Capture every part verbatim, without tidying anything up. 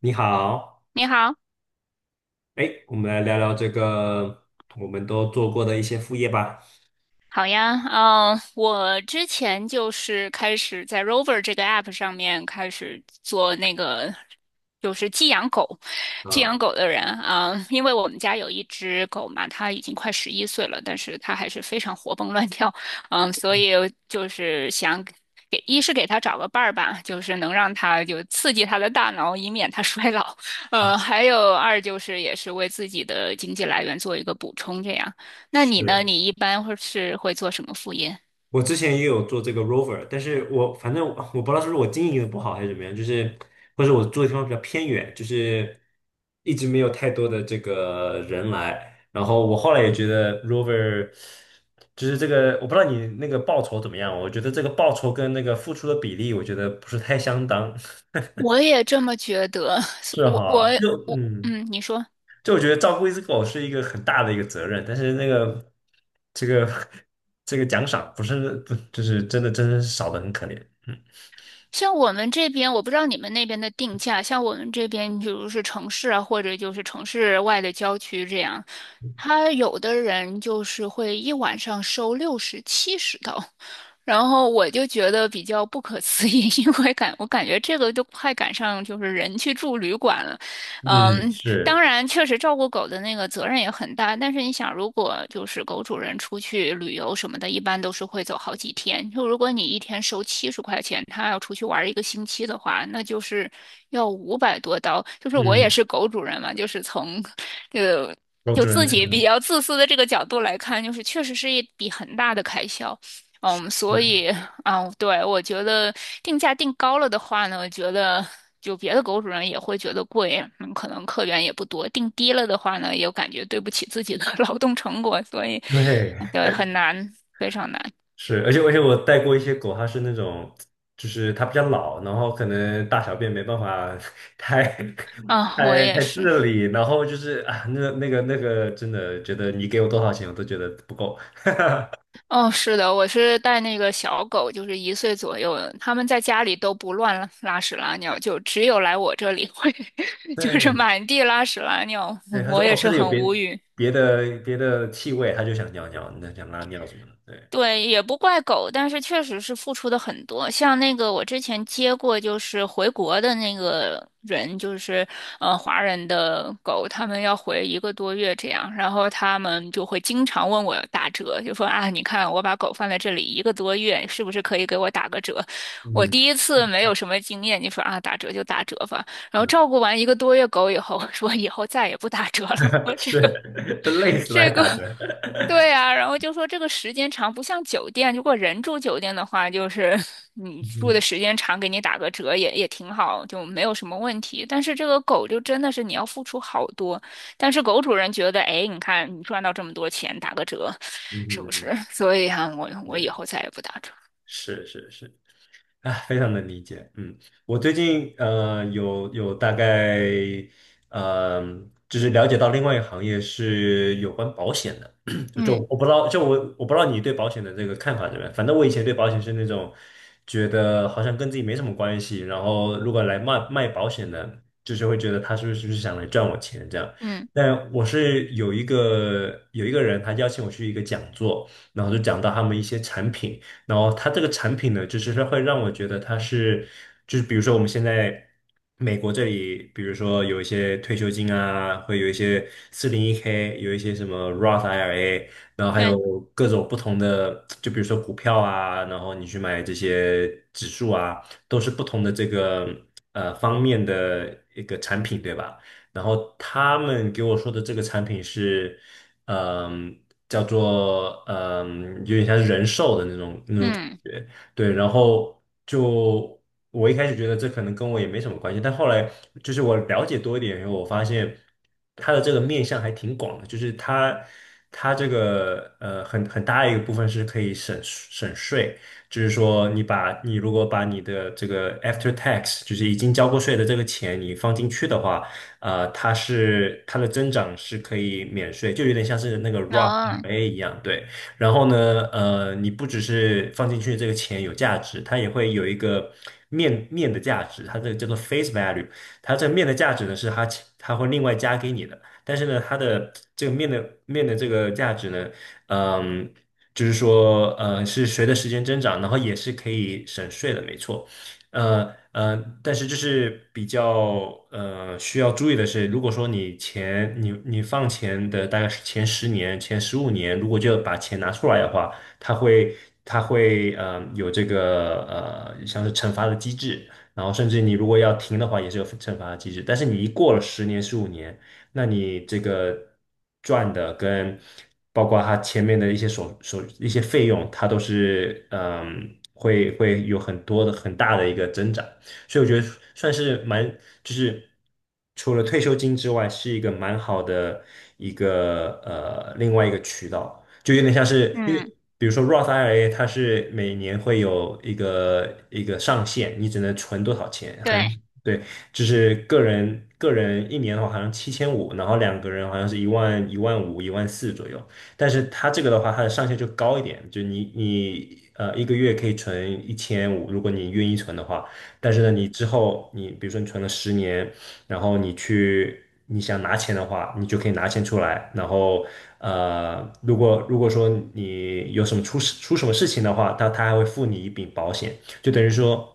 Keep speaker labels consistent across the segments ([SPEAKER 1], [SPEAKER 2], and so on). [SPEAKER 1] 你好，
[SPEAKER 2] 你好，
[SPEAKER 1] 哎，我们来聊聊这个我们都做过的一些副业吧。
[SPEAKER 2] 好呀。嗯，我之前就是开始在 Rover 这个 app 上面开始做那个，就是寄养狗、寄养
[SPEAKER 1] 啊，
[SPEAKER 2] 狗的人啊，因为我们家有一只狗嘛，它已经快十一岁了，但是它还是非常活蹦乱跳。嗯，所以就是想给，一是给它找个伴儿吧，就是能让它就刺激它的大脑，以免它衰老。呃，还有二就是也是为自己的经济来源做一个补充，这样。那你呢？
[SPEAKER 1] 是，
[SPEAKER 2] 你一般会是会做什么副业？
[SPEAKER 1] 我之前也有做这个 rover，但是我反正我我不知道是不是我经营的不好还是怎么样，就是或者我住的地方比较偏远，就是一直没有太多的这个人来。然后我后来也觉得 rover 就是这个，我不知道你那个报酬怎么样，我觉得这个报酬跟那个付出的比例，我觉得不是太相当。
[SPEAKER 2] 我也这么觉得。
[SPEAKER 1] 是
[SPEAKER 2] 我我
[SPEAKER 1] 哈，就
[SPEAKER 2] 我，
[SPEAKER 1] 嗯。
[SPEAKER 2] 嗯，你说。
[SPEAKER 1] 就我觉得照顾一只狗是一个很大的一个责任，但是那个这个 这个奖赏不是不就是真的真的是少的很可怜。嗯
[SPEAKER 2] 像我们这边，我不知道你们那边的定价，像我们这边，比如是城市啊，或者就是城市外的郊区这样，他有的人就是会一晚上收六十、七十刀，然后我就觉得比较不可思议，因为感我感觉这个都快赶上就是人去住旅馆了。
[SPEAKER 1] 嗯
[SPEAKER 2] 嗯，当
[SPEAKER 1] 是
[SPEAKER 2] 然，确实照顾狗的那个责任也很大，但是你想，如果就是狗主人出去旅游什么的，一般都是会走好几天。就如果你一天收七十块钱，他要出去玩一个星期的话，那就是要五百多刀。就是我也
[SPEAKER 1] 嗯，
[SPEAKER 2] 是狗主人嘛，就是从呃，
[SPEAKER 1] 狗
[SPEAKER 2] 就
[SPEAKER 1] 主人
[SPEAKER 2] 自
[SPEAKER 1] 可
[SPEAKER 2] 己比
[SPEAKER 1] 能
[SPEAKER 2] 较自私的这个角度来看，就是确实是一笔很大的开销。嗯，所
[SPEAKER 1] 是
[SPEAKER 2] 以啊，对，我觉得定价定高了的话呢，我觉得就别的狗主人也会觉得贵。嗯，可能客源也不多。定低了的话呢，也感觉对不起自己的 劳动成果，所以
[SPEAKER 1] 对
[SPEAKER 2] 嗯对，很难，非常难。
[SPEAKER 1] 是，而且而且我带过一些狗，它是那种就是它比较老，然后可能大小便没办法 太
[SPEAKER 2] 啊，我
[SPEAKER 1] 太
[SPEAKER 2] 也
[SPEAKER 1] 太
[SPEAKER 2] 是。
[SPEAKER 1] 自理，然后就是啊那那个那个真的觉得你给我多少钱我都觉得不够。
[SPEAKER 2] 哦，是的，我是带那个小狗，就是一岁左右的，他们在家里都不乱拉屎拉尿，就只有来我这里会，就是
[SPEAKER 1] 对
[SPEAKER 2] 满地拉屎拉尿。
[SPEAKER 1] 对，
[SPEAKER 2] 嗯
[SPEAKER 1] 他
[SPEAKER 2] 我
[SPEAKER 1] 说
[SPEAKER 2] 也
[SPEAKER 1] 哦，这
[SPEAKER 2] 是
[SPEAKER 1] 里有
[SPEAKER 2] 很无
[SPEAKER 1] 别
[SPEAKER 2] 语。
[SPEAKER 1] 别的别的气味，他就想尿尿，那想拉尿什么的，对，
[SPEAKER 2] 对，也不怪狗，但是确实是付出的很多。像那个我之前接过，就是回国的那个人，就是呃华人的狗，他们要回一个多月这样，然后他们就会经常问我打折，就说啊，你看我把狗放在这里一个多月，是不是可以给我打个折？我
[SPEAKER 1] 嗯，
[SPEAKER 2] 第一次没有什么经验，你说啊，打折就打折吧。然后照顾完一个多月狗以后，我说以后再也不打折了，我 这个
[SPEAKER 1] 是，都累死来
[SPEAKER 2] 这个，
[SPEAKER 1] 打 折，
[SPEAKER 2] 对啊，然后就说这个时间长不像酒店，如果人住酒店的话，就是 你住的
[SPEAKER 1] 嗯
[SPEAKER 2] 时间长，给你打个折也也挺好，就没有什么问题。但是这个狗就真的是你要付出好多，但是狗主人觉得，哎，你看你赚到这么多钱，打个折，是不是？
[SPEAKER 1] 嗯
[SPEAKER 2] 所以啊，我我以
[SPEAKER 1] 嗯，
[SPEAKER 2] 后再也不打折。
[SPEAKER 1] 是是是是。啊，非常能理解。嗯，我最近呃有有大概呃就是了解到另外一个行业是有关保险的，就就
[SPEAKER 2] 嗯
[SPEAKER 1] 我不知道，就我我不知道你对保险的这个看法怎么样。反正我以前对保险是那种觉得好像跟自己没什么关系，然后如果来卖卖保险的，就是会觉得他是不是是不是想来赚我钱这样。
[SPEAKER 2] 嗯，
[SPEAKER 1] 但我是有一个有一个人，他邀请我去一个讲座，然后就讲到他们一些产品。然后它这个产品呢，就是它会让我觉得它是，就是比如说我们现在美国这里，比如说有一些退休金啊，会有一些四零一 k 有一些什么 Roth I R A，然后还有
[SPEAKER 2] 对，
[SPEAKER 1] 各种不同的，就比如说股票啊，然后你去买这些指数啊，都是不同的这个呃方面的一个产品，对吧？然后他们给我说的这个产品是。嗯，叫做嗯，有点像是人寿的那种那种感
[SPEAKER 2] 嗯，
[SPEAKER 1] 觉。对，然后就我一开始觉得这可能跟我也没什么关系，但后来就是我了解多一点以后，我发现它的这个面向还挺广的，就是它它这个呃很很大一个部分是可以省省税，就是说你把你如果把你的这个 after tax，就是已经交过税的这个钱你放进去的话。呃，它是它的增长是可以免税，就有点像是那个 Roth
[SPEAKER 2] 能，
[SPEAKER 1] I R A 一样，对。然后呢，呃，你不只是放进去这个钱有价值，它也会有一个面面的价值，它这个叫做 face value，它这个面的价值呢是它它会另外加给你的，但是呢，它的这个面的面的这个价值呢，嗯，就是说，呃，是随着时间增长，然后也是可以省税的，没错。呃呃，但是这是比较呃需要注意的是，如果说你前你你放钱的大概是前十年、前十五年，如果就把钱拿出来的话，它会它会呃有这个呃像是惩罚的机制，然后甚至你如果要停的话，也是有惩罚的机制。但是你一过了十年、十五年，那你这个赚的跟包括它前面的一些所所一些费用，它都是嗯会会有很多的很大的一个增长，所以我觉得算是蛮就是除了退休金之外，是一个蛮好的一个呃另外一个渠道，就有点像是因
[SPEAKER 2] 嗯，
[SPEAKER 1] 为。比如说 Roth I R A，它是每年会有一个一个上限，你只能存多少钱，好像。
[SPEAKER 2] 对，
[SPEAKER 1] 对。就是个人个人一年的话好像七千五，然后两个人好像是一万一万五一万四左右。但是它这个的话，它的上限就高一点，就你你呃一个月可以存一千五，如果你愿意存的话。但是呢，
[SPEAKER 2] 嗯
[SPEAKER 1] 你之后你比如说你存了十年，然后你去你想拿钱的话，你就可以拿钱出来。然后呃，如果如果说你有什么出事出什么事情的话，他他还会付你一笔保险，就等于说。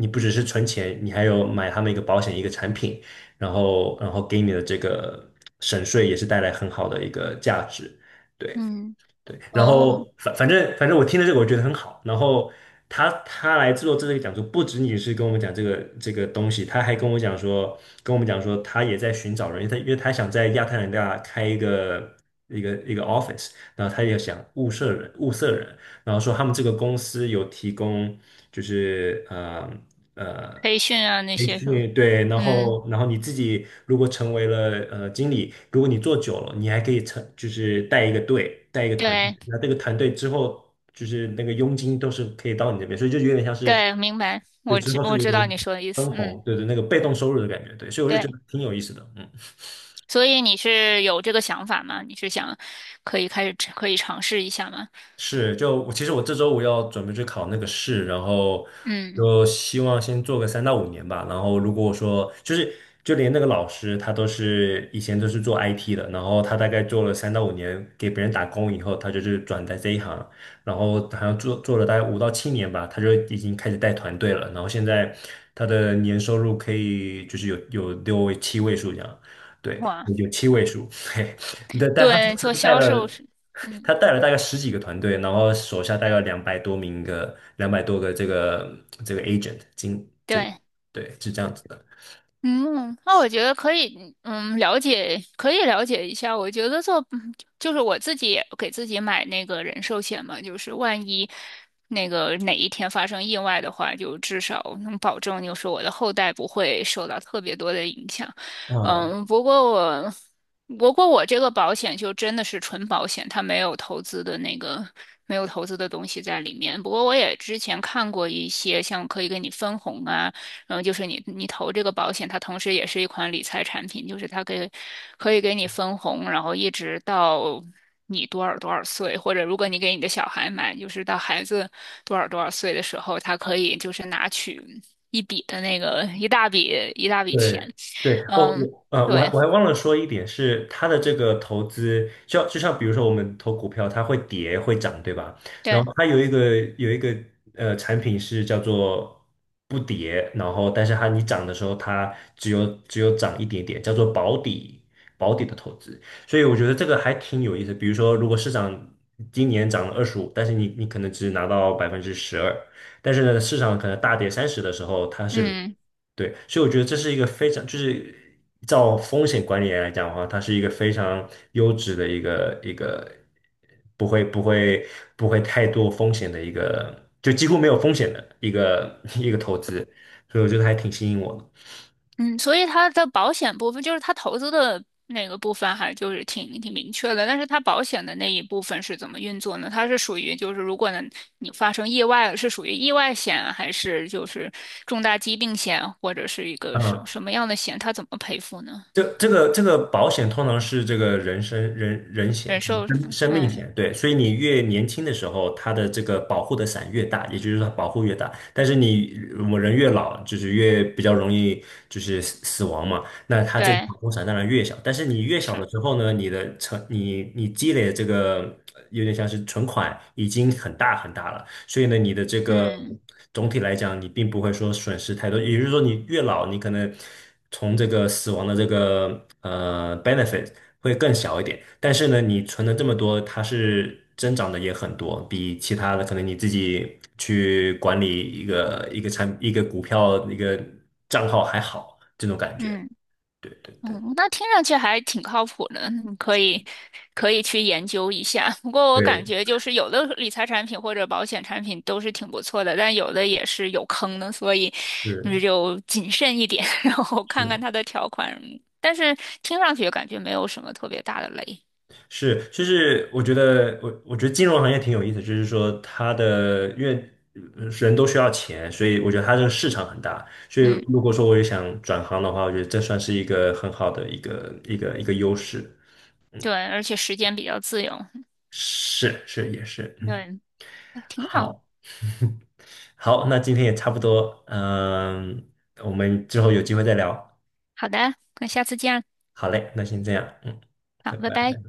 [SPEAKER 1] 你不只是存钱，你还有买他们一个保险一个产品，然后然后给你的这个省税也是带来很好的一个价值，对
[SPEAKER 2] 嗯，
[SPEAKER 1] 对。然
[SPEAKER 2] 哦，
[SPEAKER 1] 后反反正反正我听了这个我觉得很好，然后他他来做这个讲座，不仅仅是跟我们讲这个这个东西，他还跟我讲说跟我们讲说他也在寻找人，因为他因为他想在亚特兰大开一个一个一个 office，然后他也想物色人物色人。然后说他们这个公司有提供就是呃呃
[SPEAKER 2] 培训啊那
[SPEAKER 1] 培
[SPEAKER 2] 些什么，
[SPEAKER 1] 训，对，然
[SPEAKER 2] 嗯，
[SPEAKER 1] 后然后你自己如果成为了呃经理，如果你做久了，你还可以成就是带一个队，带一个团队，
[SPEAKER 2] 对。
[SPEAKER 1] 那这个团队之后就是那个佣金都是可以到你这边，所以就有点像是
[SPEAKER 2] 对，明白，
[SPEAKER 1] 对
[SPEAKER 2] 我
[SPEAKER 1] 之
[SPEAKER 2] 知
[SPEAKER 1] 后是
[SPEAKER 2] 我
[SPEAKER 1] 有
[SPEAKER 2] 知道
[SPEAKER 1] 点
[SPEAKER 2] 你说的意思。
[SPEAKER 1] 分
[SPEAKER 2] 嗯，
[SPEAKER 1] 红，对对，那个被动收入的感觉，对，所以我就觉
[SPEAKER 2] 对，
[SPEAKER 1] 得挺有意思的，嗯。
[SPEAKER 2] 所以你是有这个想法吗？你是想可以开始可以尝试一下吗？
[SPEAKER 1] 是，就我其实我这周五要准备去考那个试，然后
[SPEAKER 2] 嗯，
[SPEAKER 1] 就希望先做个三到五年吧。然后如果说就是就连那个老师他都是以前都是做 I T 的，然后他大概做了三到五年给别人打工以后，他就是转在这一行，然后好像做做了大概五到七年吧，他就已经开始带团队了。然后现在他的年收入可以就是有有六位七位数这样，对，
[SPEAKER 2] 哇，
[SPEAKER 1] 有七位数。对，但他
[SPEAKER 2] 对，做
[SPEAKER 1] 他带
[SPEAKER 2] 销售
[SPEAKER 1] 了
[SPEAKER 2] 是。
[SPEAKER 1] 他
[SPEAKER 2] 嗯，
[SPEAKER 1] 带了大概十几个团队，然后手下大概两百多名个两百多个这个这个 agent 经这个
[SPEAKER 2] 对。
[SPEAKER 1] 对是这样子的。
[SPEAKER 2] 嗯，那我觉得可以，嗯，了解，可以了解一下。我觉得做，嗯就是我自己也给自己买那个人寿险嘛，就是万一那个哪一天发生意外的话，就至少能保证，就是我的后代不会受到特别多的影响。
[SPEAKER 1] 嗯。
[SPEAKER 2] 嗯，不过我，不过我这个保险就真的是纯保险，它没有投资的那个。没有投资的东西在里面，不过我也之前看过一些像可以给你分红啊。嗯，就是你你投这个保险，它同时也是一款理财产品，就是它可以可以给你分红，然后一直到你多少多少岁，或者如果你给你的小孩买，就是到孩子多少多少岁的时候，它可以就是拿取一笔的那个一大笔一大笔
[SPEAKER 1] 对
[SPEAKER 2] 钱。
[SPEAKER 1] 对哦，
[SPEAKER 2] 嗯，
[SPEAKER 1] 我呃，我还
[SPEAKER 2] 对
[SPEAKER 1] 我还忘了说一点是，它的这个投资，就像就像比如说我们投股票，它会跌会涨，对吧？然
[SPEAKER 2] 对，
[SPEAKER 1] 后它有一个有一个呃产品是叫做不跌，然后但是它你涨的时候，它只有只有涨一点点，叫做保底保底的投资。所以我觉得这个还挺有意思。比如说，如果市场今年涨了二十五，但是你你可能只拿到百分之十二，但是呢，市场可能大跌三十的时候，它是嗯
[SPEAKER 2] 嗯。
[SPEAKER 1] 对，所以我觉得这是一个非常，就是照风险管理来讲的话，它是一个非常优质的一个一个，不会不会不会太多风险的一个，就几乎没有风险的一个 一个投资，所以我觉得还挺吸引我的。
[SPEAKER 2] 嗯，所以它的保险部分就是它投资的那个部分，还就是挺挺明确的。但是它保险的那一部分是怎么运作呢？它是属于就是如果呢你发生意外了，是属于意外险啊还是就是重大疾病险，或者是一个什么
[SPEAKER 1] 嗯。
[SPEAKER 2] 什么样的险？它怎么赔付呢？
[SPEAKER 1] 这这个这个保险通常是这个人身人人险，
[SPEAKER 2] 人
[SPEAKER 1] 就是
[SPEAKER 2] 寿什
[SPEAKER 1] 生
[SPEAKER 2] 么？
[SPEAKER 1] 生命
[SPEAKER 2] 嗯，
[SPEAKER 1] 险，对，所以你越年轻的时候，它的这个保护的伞越大，也就是说保护越大。但是你我们人越老，就是越比较容易就是死死亡嘛，那它这个
[SPEAKER 2] 对，
[SPEAKER 1] 保护伞当然越小。但是你越小
[SPEAKER 2] 是，
[SPEAKER 1] 的时候呢，你的成你你积累的这个有点像是存款已经很大很大了。所以呢，你的这个
[SPEAKER 2] 嗯
[SPEAKER 1] 总体来讲，你并不会说损失太多。也就是说，你越老，你可能从这个死亡的这个呃 benefit 会更小一点。但是呢，你存了这么多，它是增长的也很多，比其他的可能你自己去管理一个一个产一个股票一个账号还好，这种感觉。
[SPEAKER 2] 嗯。
[SPEAKER 1] 对对对，
[SPEAKER 2] 嗯，那听上去还挺靠谱的，你可以可以去研究一下。不过我感
[SPEAKER 1] 对，
[SPEAKER 2] 觉就是有的理财产品或者保险产品都是挺不错的，但有的也是有坑的，所以嗯
[SPEAKER 1] 是
[SPEAKER 2] 就谨慎一点。然后看看
[SPEAKER 1] 是。
[SPEAKER 2] 它的条款。但是听上去感觉没有什么特别大的雷。
[SPEAKER 1] 是，就是我觉得我我觉得金融行业挺有意思，就是说它的因为呃人都需要钱，所以我觉得它这个市场很大。所以
[SPEAKER 2] 嗯，
[SPEAKER 1] 如果说我也想转行的话，我觉得这算是一个很好的一个一个一个优势。嗯，
[SPEAKER 2] 对，而且时间比较自由，
[SPEAKER 1] 是是也是，嗯，
[SPEAKER 2] 对，挺好。
[SPEAKER 1] 好 好，那今天也差不多，嗯，我们之后有机会再聊。
[SPEAKER 2] 好的，那下次见，
[SPEAKER 1] 好嘞，那先这样，嗯，
[SPEAKER 2] 好，
[SPEAKER 1] 拜
[SPEAKER 2] 拜拜。
[SPEAKER 1] 拜。